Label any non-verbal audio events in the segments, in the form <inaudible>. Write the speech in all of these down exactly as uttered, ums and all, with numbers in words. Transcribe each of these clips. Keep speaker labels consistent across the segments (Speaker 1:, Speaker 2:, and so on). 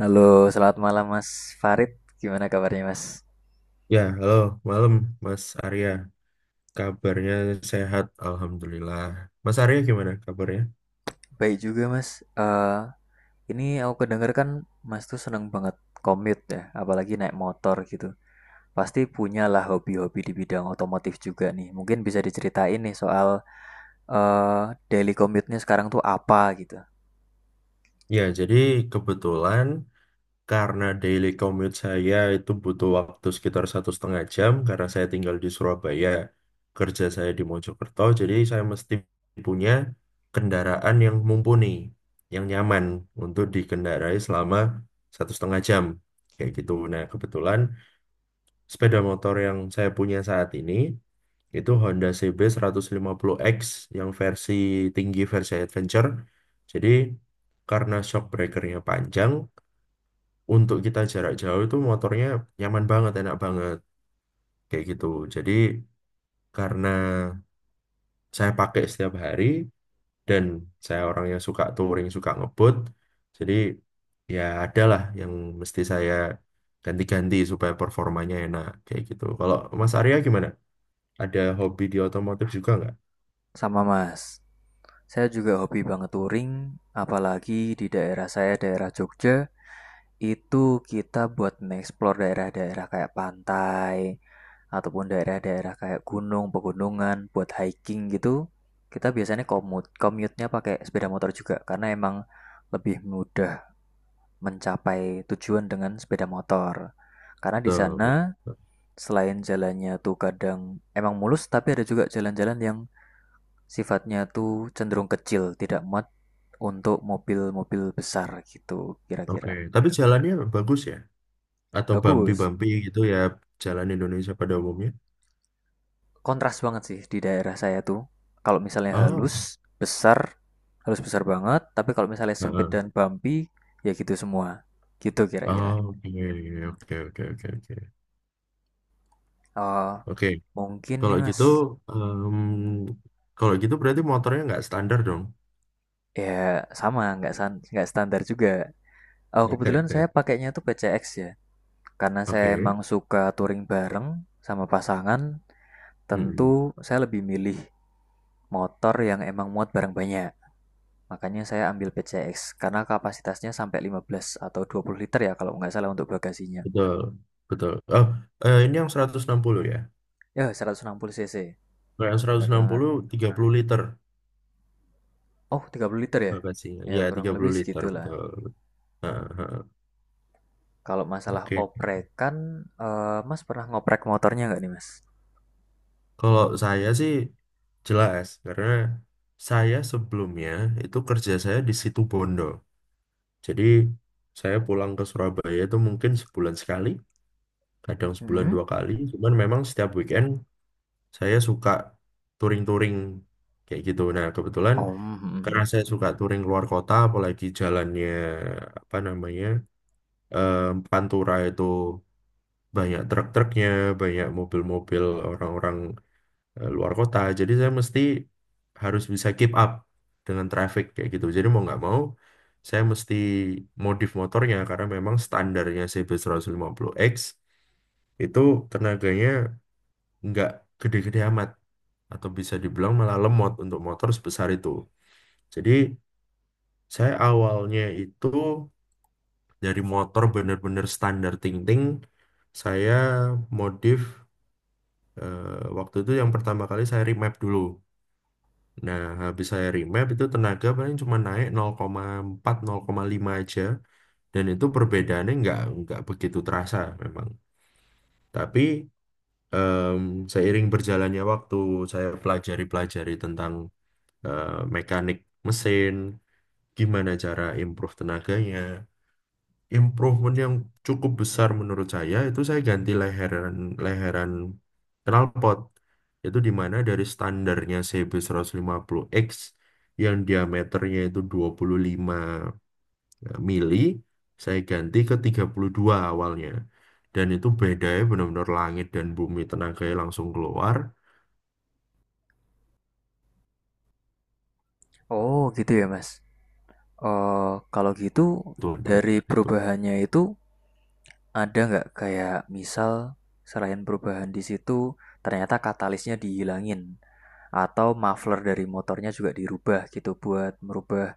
Speaker 1: Halo, selamat malam Mas Farid. Gimana kabarnya Mas?
Speaker 2: Ya, halo, malam Mas Arya. Kabarnya sehat, Alhamdulillah. Mas Arya gimana kabarnya?
Speaker 1: Baik juga Mas. Eh, ini aku kedenger kan Mas tuh seneng banget commute ya, apalagi naik motor gitu. Pasti punyalah hobi-hobi di bidang otomotif juga nih. Mungkin bisa diceritain nih soal eh daily commute-nya sekarang tuh apa gitu.
Speaker 2: Ya, jadi kebetulan karena daily commute saya itu butuh waktu sekitar satu setengah jam karena saya tinggal di Surabaya, kerja saya di Mojokerto, jadi saya mesti punya kendaraan yang mumpuni, yang nyaman untuk dikendarai selama satu setengah jam, kayak gitu. Nah, kebetulan sepeda motor yang saya punya saat ini itu Honda C B puluh x yang versi tinggi versi adventure. Jadi karena shock breakernya panjang, untuk kita jarak jauh itu motornya nyaman banget, enak banget kayak gitu. Jadi karena saya pakai setiap hari dan saya orang yang suka touring, suka ngebut, jadi ya adalah yang mesti saya ganti-ganti supaya performanya enak kayak gitu. Kalau Mas Arya gimana? Ada hobi di otomotif juga nggak?
Speaker 1: Sama Mas. Saya juga hobi banget touring, apalagi di daerah saya, daerah Jogja. Itu kita buat nge-explore daerah-daerah kayak pantai ataupun daerah-daerah kayak gunung, pegunungan buat hiking gitu. Kita biasanya komut, commute-nya pakai sepeda motor juga karena emang lebih mudah mencapai tujuan dengan sepeda motor. Karena di
Speaker 2: Betul,
Speaker 1: sana
Speaker 2: betul.
Speaker 1: selain jalannya tuh kadang emang mulus tapi ada juga jalan-jalan yang sifatnya tuh cenderung kecil, tidak muat untuk mobil-mobil besar gitu
Speaker 2: Oke,
Speaker 1: kira-kira.
Speaker 2: tapi jalannya bagus ya? Atau
Speaker 1: Bagus.
Speaker 2: bumpy-bumpy gitu ya, jalan Indonesia pada umumnya?
Speaker 1: Kontras banget sih di daerah saya tuh. Kalau misalnya
Speaker 2: Oh,
Speaker 1: halus, besar, halus besar banget, tapi kalau misalnya sempit
Speaker 2: heeh.
Speaker 1: dan bumpy, ya gitu semua. Gitu kira-kira.
Speaker 2: Oh, oke, oke, oke, oke, oke.
Speaker 1: Oh,
Speaker 2: Oke,
Speaker 1: mungkin
Speaker 2: kalau
Speaker 1: nih Mas.
Speaker 2: gitu, em, kalau gitu berarti motornya nggak standar dong.
Speaker 1: Ya sama, nggak san- nggak standar juga. Oh, kebetulan saya
Speaker 2: <laughs>
Speaker 1: pakainya tuh P C X ya. Karena saya
Speaker 2: Oke,
Speaker 1: emang suka touring bareng sama pasangan, tentu
Speaker 2: hmm,
Speaker 1: saya lebih milih motor yang emang muat barang banyak. Makanya saya ambil P C X karena kapasitasnya sampai lima belas atau dua puluh liter ya kalau nggak salah untuk bagasinya.
Speaker 2: betul, betul. Oh, eh, ini yang seratus enam puluh ya?
Speaker 1: Ya seratus enam puluh cc,
Speaker 2: Kalau yang seratus
Speaker 1: benar
Speaker 2: enam
Speaker 1: banget.
Speaker 2: puluh, tiga puluh liter
Speaker 1: Oh, tiga puluh liter ya?
Speaker 2: bagasinya.
Speaker 1: Ya
Speaker 2: Ya,
Speaker 1: kurang
Speaker 2: tiga
Speaker 1: lebih
Speaker 2: puluh liter,
Speaker 1: segitulah.
Speaker 2: betul. Heeh, heeh.
Speaker 1: Kalau masalah
Speaker 2: Oke,
Speaker 1: oprekan, eh, Mas pernah ngoprek motornya nggak nih Mas?
Speaker 2: kalau saya sih jelas, karena saya sebelumnya itu kerja saya di situ Bondo. Jadi saya pulang ke Surabaya itu mungkin sebulan sekali, kadang sebulan
Speaker 1: Hmm?
Speaker 2: dua kali. Cuman memang setiap weekend saya suka touring-touring kayak gitu. Nah, kebetulan
Speaker 1: Oh, mm, mm,
Speaker 2: karena
Speaker 1: mm.
Speaker 2: saya suka touring keluar kota, apalagi jalannya apa namanya eh, Pantura itu banyak truk-truknya, banyak mobil-mobil orang-orang eh, luar kota. Jadi saya mesti harus bisa keep up dengan traffic kayak gitu. Jadi mau nggak mau saya mesti modif motornya karena memang standarnya C B seratus lima puluh X itu tenaganya nggak gede-gede amat atau bisa dibilang malah lemot untuk motor sebesar itu. Jadi saya awalnya itu dari motor bener-bener standar ting-ting saya modif eh, waktu itu yang pertama kali saya remap dulu. Nah, habis saya remap itu tenaga paling cuma naik nol koma empat, nol koma lima aja. Dan itu perbedaannya nggak nggak begitu terasa memang. Tapi em, seiring berjalannya waktu, saya pelajari-pelajari tentang eh, mekanik mesin, gimana cara improve tenaganya, improvement yang cukup besar menurut saya itu saya ganti leheran leheran knalpot itu dimana dari standarnya C B seratus lima puluh X yang diameternya itu dua puluh lima mili saya ganti ke tiga puluh dua awalnya dan itu bedanya benar-benar langit dan bumi, tenaganya langsung keluar
Speaker 1: Oh, gitu ya Mas. Eh, kalau gitu
Speaker 2: tuh pada
Speaker 1: dari
Speaker 2: saat itu.
Speaker 1: perubahannya itu ada nggak kayak misal selain perubahan di situ ternyata katalisnya dihilangin atau muffler dari motornya juga dirubah gitu buat merubah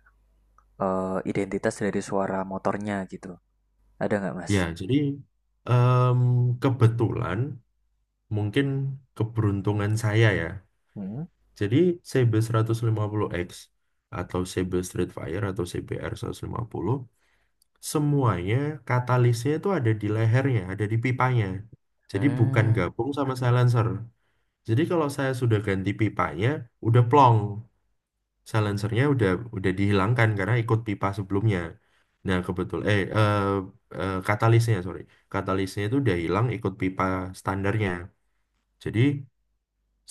Speaker 1: eh, identitas dari suara motornya gitu. Ada nggak mas?
Speaker 2: Ya jadi em, kebetulan mungkin keberuntungan saya ya.
Speaker 1: Hmm.
Speaker 2: Jadi C B seratus lima puluh X atau C B Streetfire atau C B R seratus lima puluh semuanya katalisnya itu ada di lehernya, ada di pipanya. Jadi bukan
Speaker 1: Hmm,
Speaker 2: gabung sama silencer. Jadi kalau saya sudah ganti pipanya, udah plong. Silencernya udah udah dihilangkan karena ikut pipa sebelumnya. Nah, kebetul eh, eh, eh, katalisnya, sorry. Katalisnya itu udah hilang ikut pipa standarnya. Jadi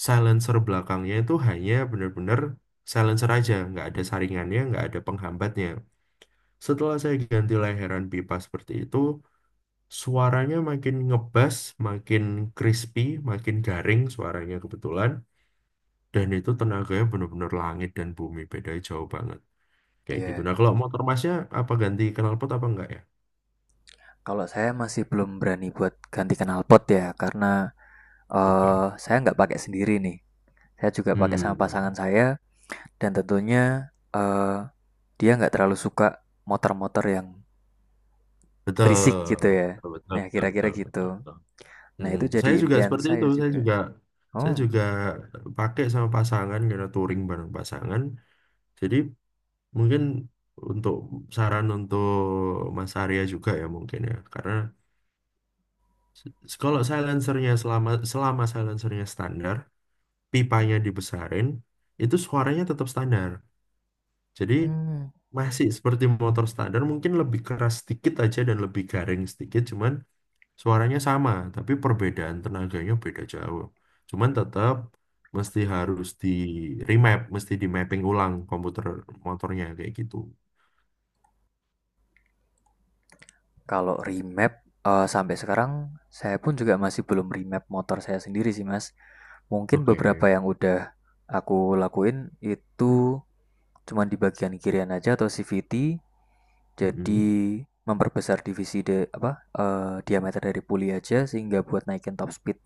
Speaker 2: silencer belakangnya itu hanya benar-benar silencer aja, nggak ada saringannya, nggak ada penghambatnya. Setelah saya ganti layaran pipa seperti itu, suaranya makin ngebas, makin crispy, makin garing suaranya kebetulan, dan itu tenaganya benar-benar langit dan bumi, bedanya jauh banget.
Speaker 1: ya.
Speaker 2: Kayak gitu.
Speaker 1: Yeah.
Speaker 2: Nah, kalau motor masnya apa ganti knalpot apa enggak ya?
Speaker 1: Kalau saya masih belum berani buat ganti knalpot ya, karena
Speaker 2: Oke.
Speaker 1: eh saya nggak pakai sendiri nih. Saya juga pakai sama
Speaker 2: Hmm,
Speaker 1: pasangan saya, dan tentunya eh dia nggak terlalu suka motor-motor yang berisik
Speaker 2: betul.
Speaker 1: gitu ya.
Speaker 2: Betul,
Speaker 1: Nah,
Speaker 2: betul,
Speaker 1: kira-kira
Speaker 2: betul,
Speaker 1: gitu.
Speaker 2: betul, betul.
Speaker 1: Nah,
Speaker 2: Mm-mm.
Speaker 1: itu
Speaker 2: Saya
Speaker 1: jadi
Speaker 2: juga
Speaker 1: impian
Speaker 2: seperti itu.
Speaker 1: saya
Speaker 2: Saya
Speaker 1: juga.
Speaker 2: juga saya
Speaker 1: Oh,
Speaker 2: juga pakai sama pasangan karena touring bareng pasangan. Jadi mungkin untuk saran untuk Mas Arya juga ya mungkin ya. Karena kalau silencernya selama selama silencernya standar, pipanya dibesarin, itu suaranya tetap standar. Jadi
Speaker 1: hmm.
Speaker 2: masih seperti motor standar, mungkin lebih keras sedikit aja dan lebih garing sedikit, cuman suaranya sama, tapi perbedaan tenaganya beda jauh. Cuman tetap mesti harus di remap, mesti di mapping ulang komputer motornya kayak gitu.
Speaker 1: Kalau remap, eee, sampai sekarang saya pun juga masih belum remap motor saya sendiri sih, Mas. Mungkin
Speaker 2: Oke.
Speaker 1: beberapa yang udah aku lakuin itu cuma di bagian kirian aja atau C V T, jadi
Speaker 2: Mm-mm.
Speaker 1: memperbesar divisi de apa, eee, diameter dari puli aja sehingga buat naikin top speed,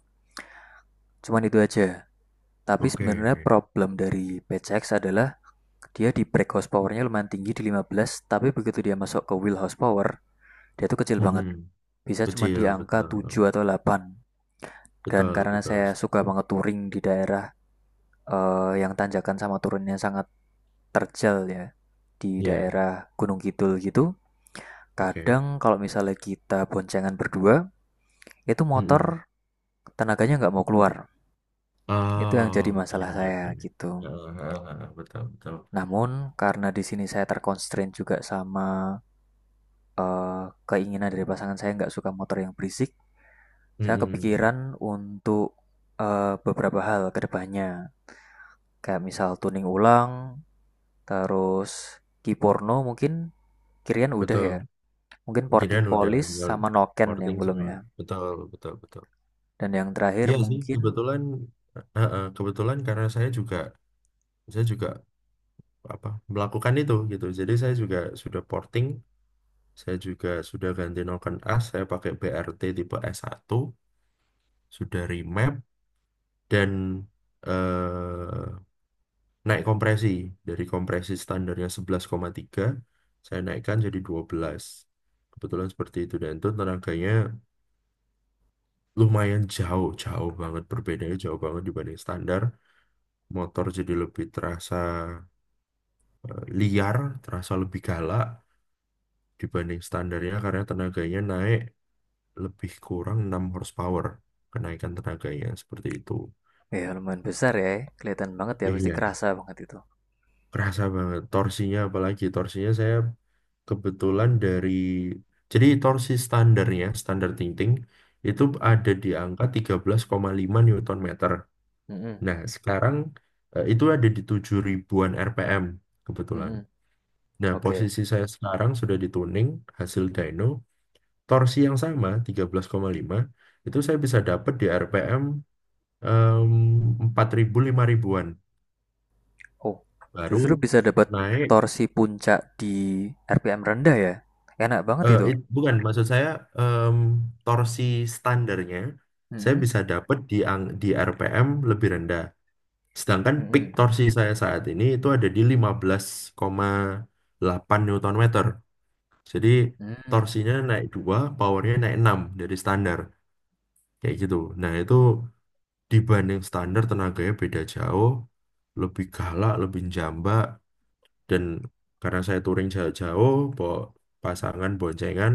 Speaker 1: cuman itu aja. Tapi sebenarnya
Speaker 2: Oke.
Speaker 1: problem dari P C X adalah dia di brake horsepowernya lumayan tinggi di lima belas, tapi begitu dia masuk ke wheel horsepower, dia tuh kecil banget,
Speaker 2: Mm-mm.
Speaker 1: bisa cuma
Speaker 2: Kecil,
Speaker 1: di angka
Speaker 2: betul.
Speaker 1: tujuh atau delapan. Dan
Speaker 2: Betul,
Speaker 1: karena
Speaker 2: betul.
Speaker 1: saya suka
Speaker 2: Setuju.
Speaker 1: banget touring di daerah eh, yang tanjakan sama turunnya sangat terjal ya, di
Speaker 2: Iya,
Speaker 1: daerah Gunung Kidul gitu,
Speaker 2: oke.
Speaker 1: kadang kalau misalnya kita boncengan berdua, itu
Speaker 2: Mm-mm.
Speaker 1: motor tenaganya nggak mau keluar. Itu yang
Speaker 2: Oh,
Speaker 1: jadi masalah
Speaker 2: gini ya,
Speaker 1: saya
Speaker 2: gini.
Speaker 1: gitu.
Speaker 2: Ah, ah, ah, betul, betul.
Speaker 1: Namun karena di sini saya terkonstrain juga sama eh, keinginan dari pasangan saya nggak suka motor yang berisik, saya
Speaker 2: Mm-mm.
Speaker 1: kepikiran untuk eh, beberapa hal kedepannya. Kayak misal tuning ulang, terus Ki Porno mungkin. Kirian udah ya.
Speaker 2: Betul.
Speaker 1: Mungkin Porting
Speaker 2: Kirain udah
Speaker 1: Polis
Speaker 2: tinggal
Speaker 1: sama Noken yang
Speaker 2: porting
Speaker 1: belum
Speaker 2: semua.
Speaker 1: ya.
Speaker 2: Betul, betul, betul.
Speaker 1: Dan yang terakhir
Speaker 2: Iya sih,
Speaker 1: mungkin
Speaker 2: kebetulan, eh, eh, kebetulan karena saya juga saya juga apa melakukan itu gitu. Jadi saya juga sudah porting, saya juga sudah ganti noken as, saya pakai B R T tipe s satu, sudah remap dan eh, naik kompresi, dari kompresi standarnya sebelas koma tiga saya naikkan jadi dua belas. Kebetulan seperti itu, dan itu tenaganya lumayan jauh, jauh banget, perbedaannya jauh banget dibanding standar. Motor jadi lebih terasa eh, liar, terasa lebih galak dibanding standarnya karena tenaganya naik lebih kurang enam horsepower, kenaikan tenaganya seperti itu.
Speaker 1: ya lumayan besar ya. Kelihatan banget ya
Speaker 2: Iya,
Speaker 1: pasti
Speaker 2: iya, iya.
Speaker 1: kerasa banget itu.
Speaker 2: Kerasa banget. Torsinya apalagi, torsinya saya kebetulan dari, jadi torsi standarnya, standar ting-ting, itu
Speaker 1: Mhm,
Speaker 2: ada di angka tiga belas koma lima Newton meter.
Speaker 1: mhm,
Speaker 2: Nah, sekarang eh, itu ada di tujuh ribuan R P M kebetulan.
Speaker 1: mhm.
Speaker 2: Nah,
Speaker 1: Oke.
Speaker 2: posisi saya sekarang sudah di tuning, hasil dyno torsi yang sama tiga belas koma lima itu saya bisa dapat di R P M em, empat ribu lima ribu-an
Speaker 1: Oh,
Speaker 2: baru
Speaker 1: justru bisa dapat
Speaker 2: naik.
Speaker 1: torsi puncak di R P M rendah ya. Enak banget
Speaker 2: Eh,
Speaker 1: itu.
Speaker 2: it- bukan maksud saya, em, torsi standarnya saya
Speaker 1: Mhm,
Speaker 2: bisa dapat di ang- di R P M lebih rendah, sedangkan peak
Speaker 1: mhm,
Speaker 2: torsi saya saat ini itu ada di lima belas koma delapan Newton meter. Jadi
Speaker 1: mhm,
Speaker 2: torsinya naik dua, powernya naik enam dari standar, kayak gitu. Nah itu dibanding standar tenaganya beda jauh, lebih galak, lebih jambak, dan karena saya touring jauh-jauh bawa pasangan boncengan,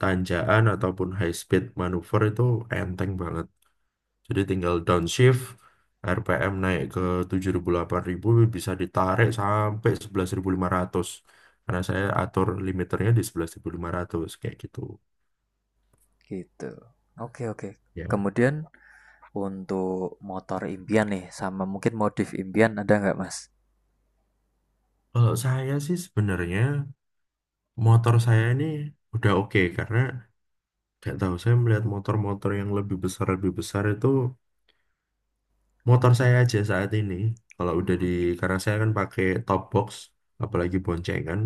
Speaker 2: tanjakan ataupun high speed manuver itu enteng banget. Jadi tinggal downshift, R P M naik ke tujuh ribu delapan ribu, bisa ditarik sampai sebelas ribu lima ratus karena saya atur limiternya di sebelas ribu lima ratus, kayak gitu.
Speaker 1: gitu. Oke, oke.
Speaker 2: Ya,
Speaker 1: Kemudian untuk motor impian nih, sama mungkin modif impian ada nggak mas?
Speaker 2: kalau saya sih sebenarnya motor saya ini udah oke karena gak tahu, saya melihat motor-motor yang lebih besar lebih besar itu motor saya aja saat ini. Kalau udah di
Speaker 1: Hmm.
Speaker 2: karena saya kan pakai top box, apalagi boncengan,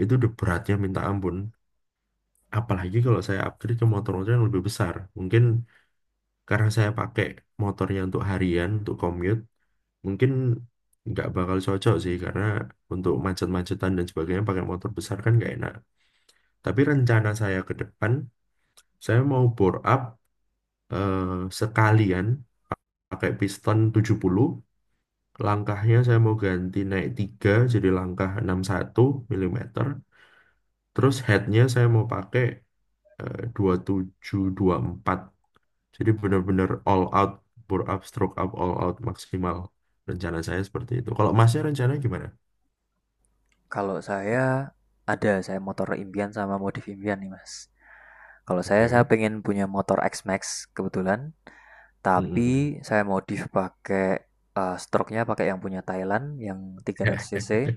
Speaker 2: itu udah beratnya minta ampun. Apalagi kalau saya upgrade ke motor-motor yang lebih besar. Mungkin karena saya pakai motornya untuk harian, untuk commute, mungkin nggak bakal cocok sih karena untuk macet-macetan dan sebagainya pakai motor besar kan nggak enak. Tapi rencana saya ke depan, saya mau bore up eh, sekalian, pakai piston tujuh puluh, langkahnya saya mau ganti naik tiga jadi langkah enam puluh satu milimeter, terus headnya saya mau pakai eh, dua tujuh dua empat, jadi benar-benar all out, bore up stroke up all out maksimal. Rencana saya seperti itu, kalau masnya rencana gimana?
Speaker 1: Kalau saya ada, saya motor impian sama modif impian nih mas. Kalau saya, saya
Speaker 2: Oke.
Speaker 1: pengen punya motor X-Max kebetulan,
Speaker 2: Mm-mm.
Speaker 1: tapi saya modif pakai eh, stroke-nya pakai yang punya Thailand yang tiga ratus cc.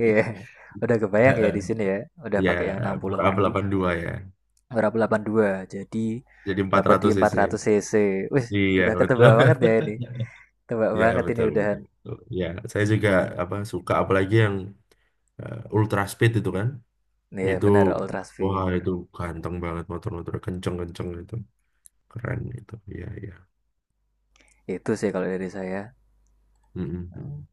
Speaker 1: Iya, <laughs> udah kebayang ya di
Speaker 2: <laughs>
Speaker 1: sini ya, udah
Speaker 2: Ya,
Speaker 1: pakai yang enam puluh
Speaker 2: bore up
Speaker 1: mili,
Speaker 2: delapan puluh dua ya,
Speaker 1: berapa delapan puluh dua, jadi
Speaker 2: jadi empat
Speaker 1: dapat di
Speaker 2: ratus
Speaker 1: empat
Speaker 2: cc
Speaker 1: ratus cc. Wih,
Speaker 2: Iya
Speaker 1: udah ketebak
Speaker 2: betul.
Speaker 1: banget ya ini, tebak
Speaker 2: <laughs> Ya
Speaker 1: banget ini
Speaker 2: betul,
Speaker 1: udahan.
Speaker 2: betul. Betul. Ya, saya juga
Speaker 1: Itu.
Speaker 2: apa suka apalagi yang eh, ultra speed itu kan,
Speaker 1: Iya
Speaker 2: itu
Speaker 1: benar Ultras Fit.
Speaker 2: wah itu ganteng banget, motor-motor kenceng-kenceng itu keren itu, iya iya.
Speaker 1: Itu sih kalau dari saya. Hmm.
Speaker 2: Mm-mm.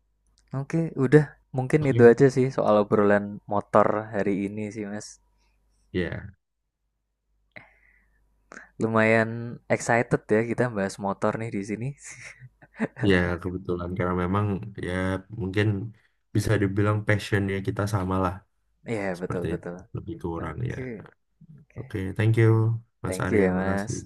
Speaker 1: Oke, udah mungkin itu
Speaker 2: Oke.
Speaker 1: aja sih soal obrolan motor hari ini sih Mas.
Speaker 2: Ya,
Speaker 1: Lumayan excited ya kita bahas motor nih di sini. <laughs>
Speaker 2: ya kebetulan karena memang ya mungkin bisa dibilang passionnya kita sama lah,
Speaker 1: Iya betul
Speaker 2: seperti itu
Speaker 1: betul.
Speaker 2: lebih kurang ya.
Speaker 1: Oke oke.
Speaker 2: Oke, thank you Mas
Speaker 1: Thank you
Speaker 2: Arya,
Speaker 1: ya Mas.
Speaker 2: makasih.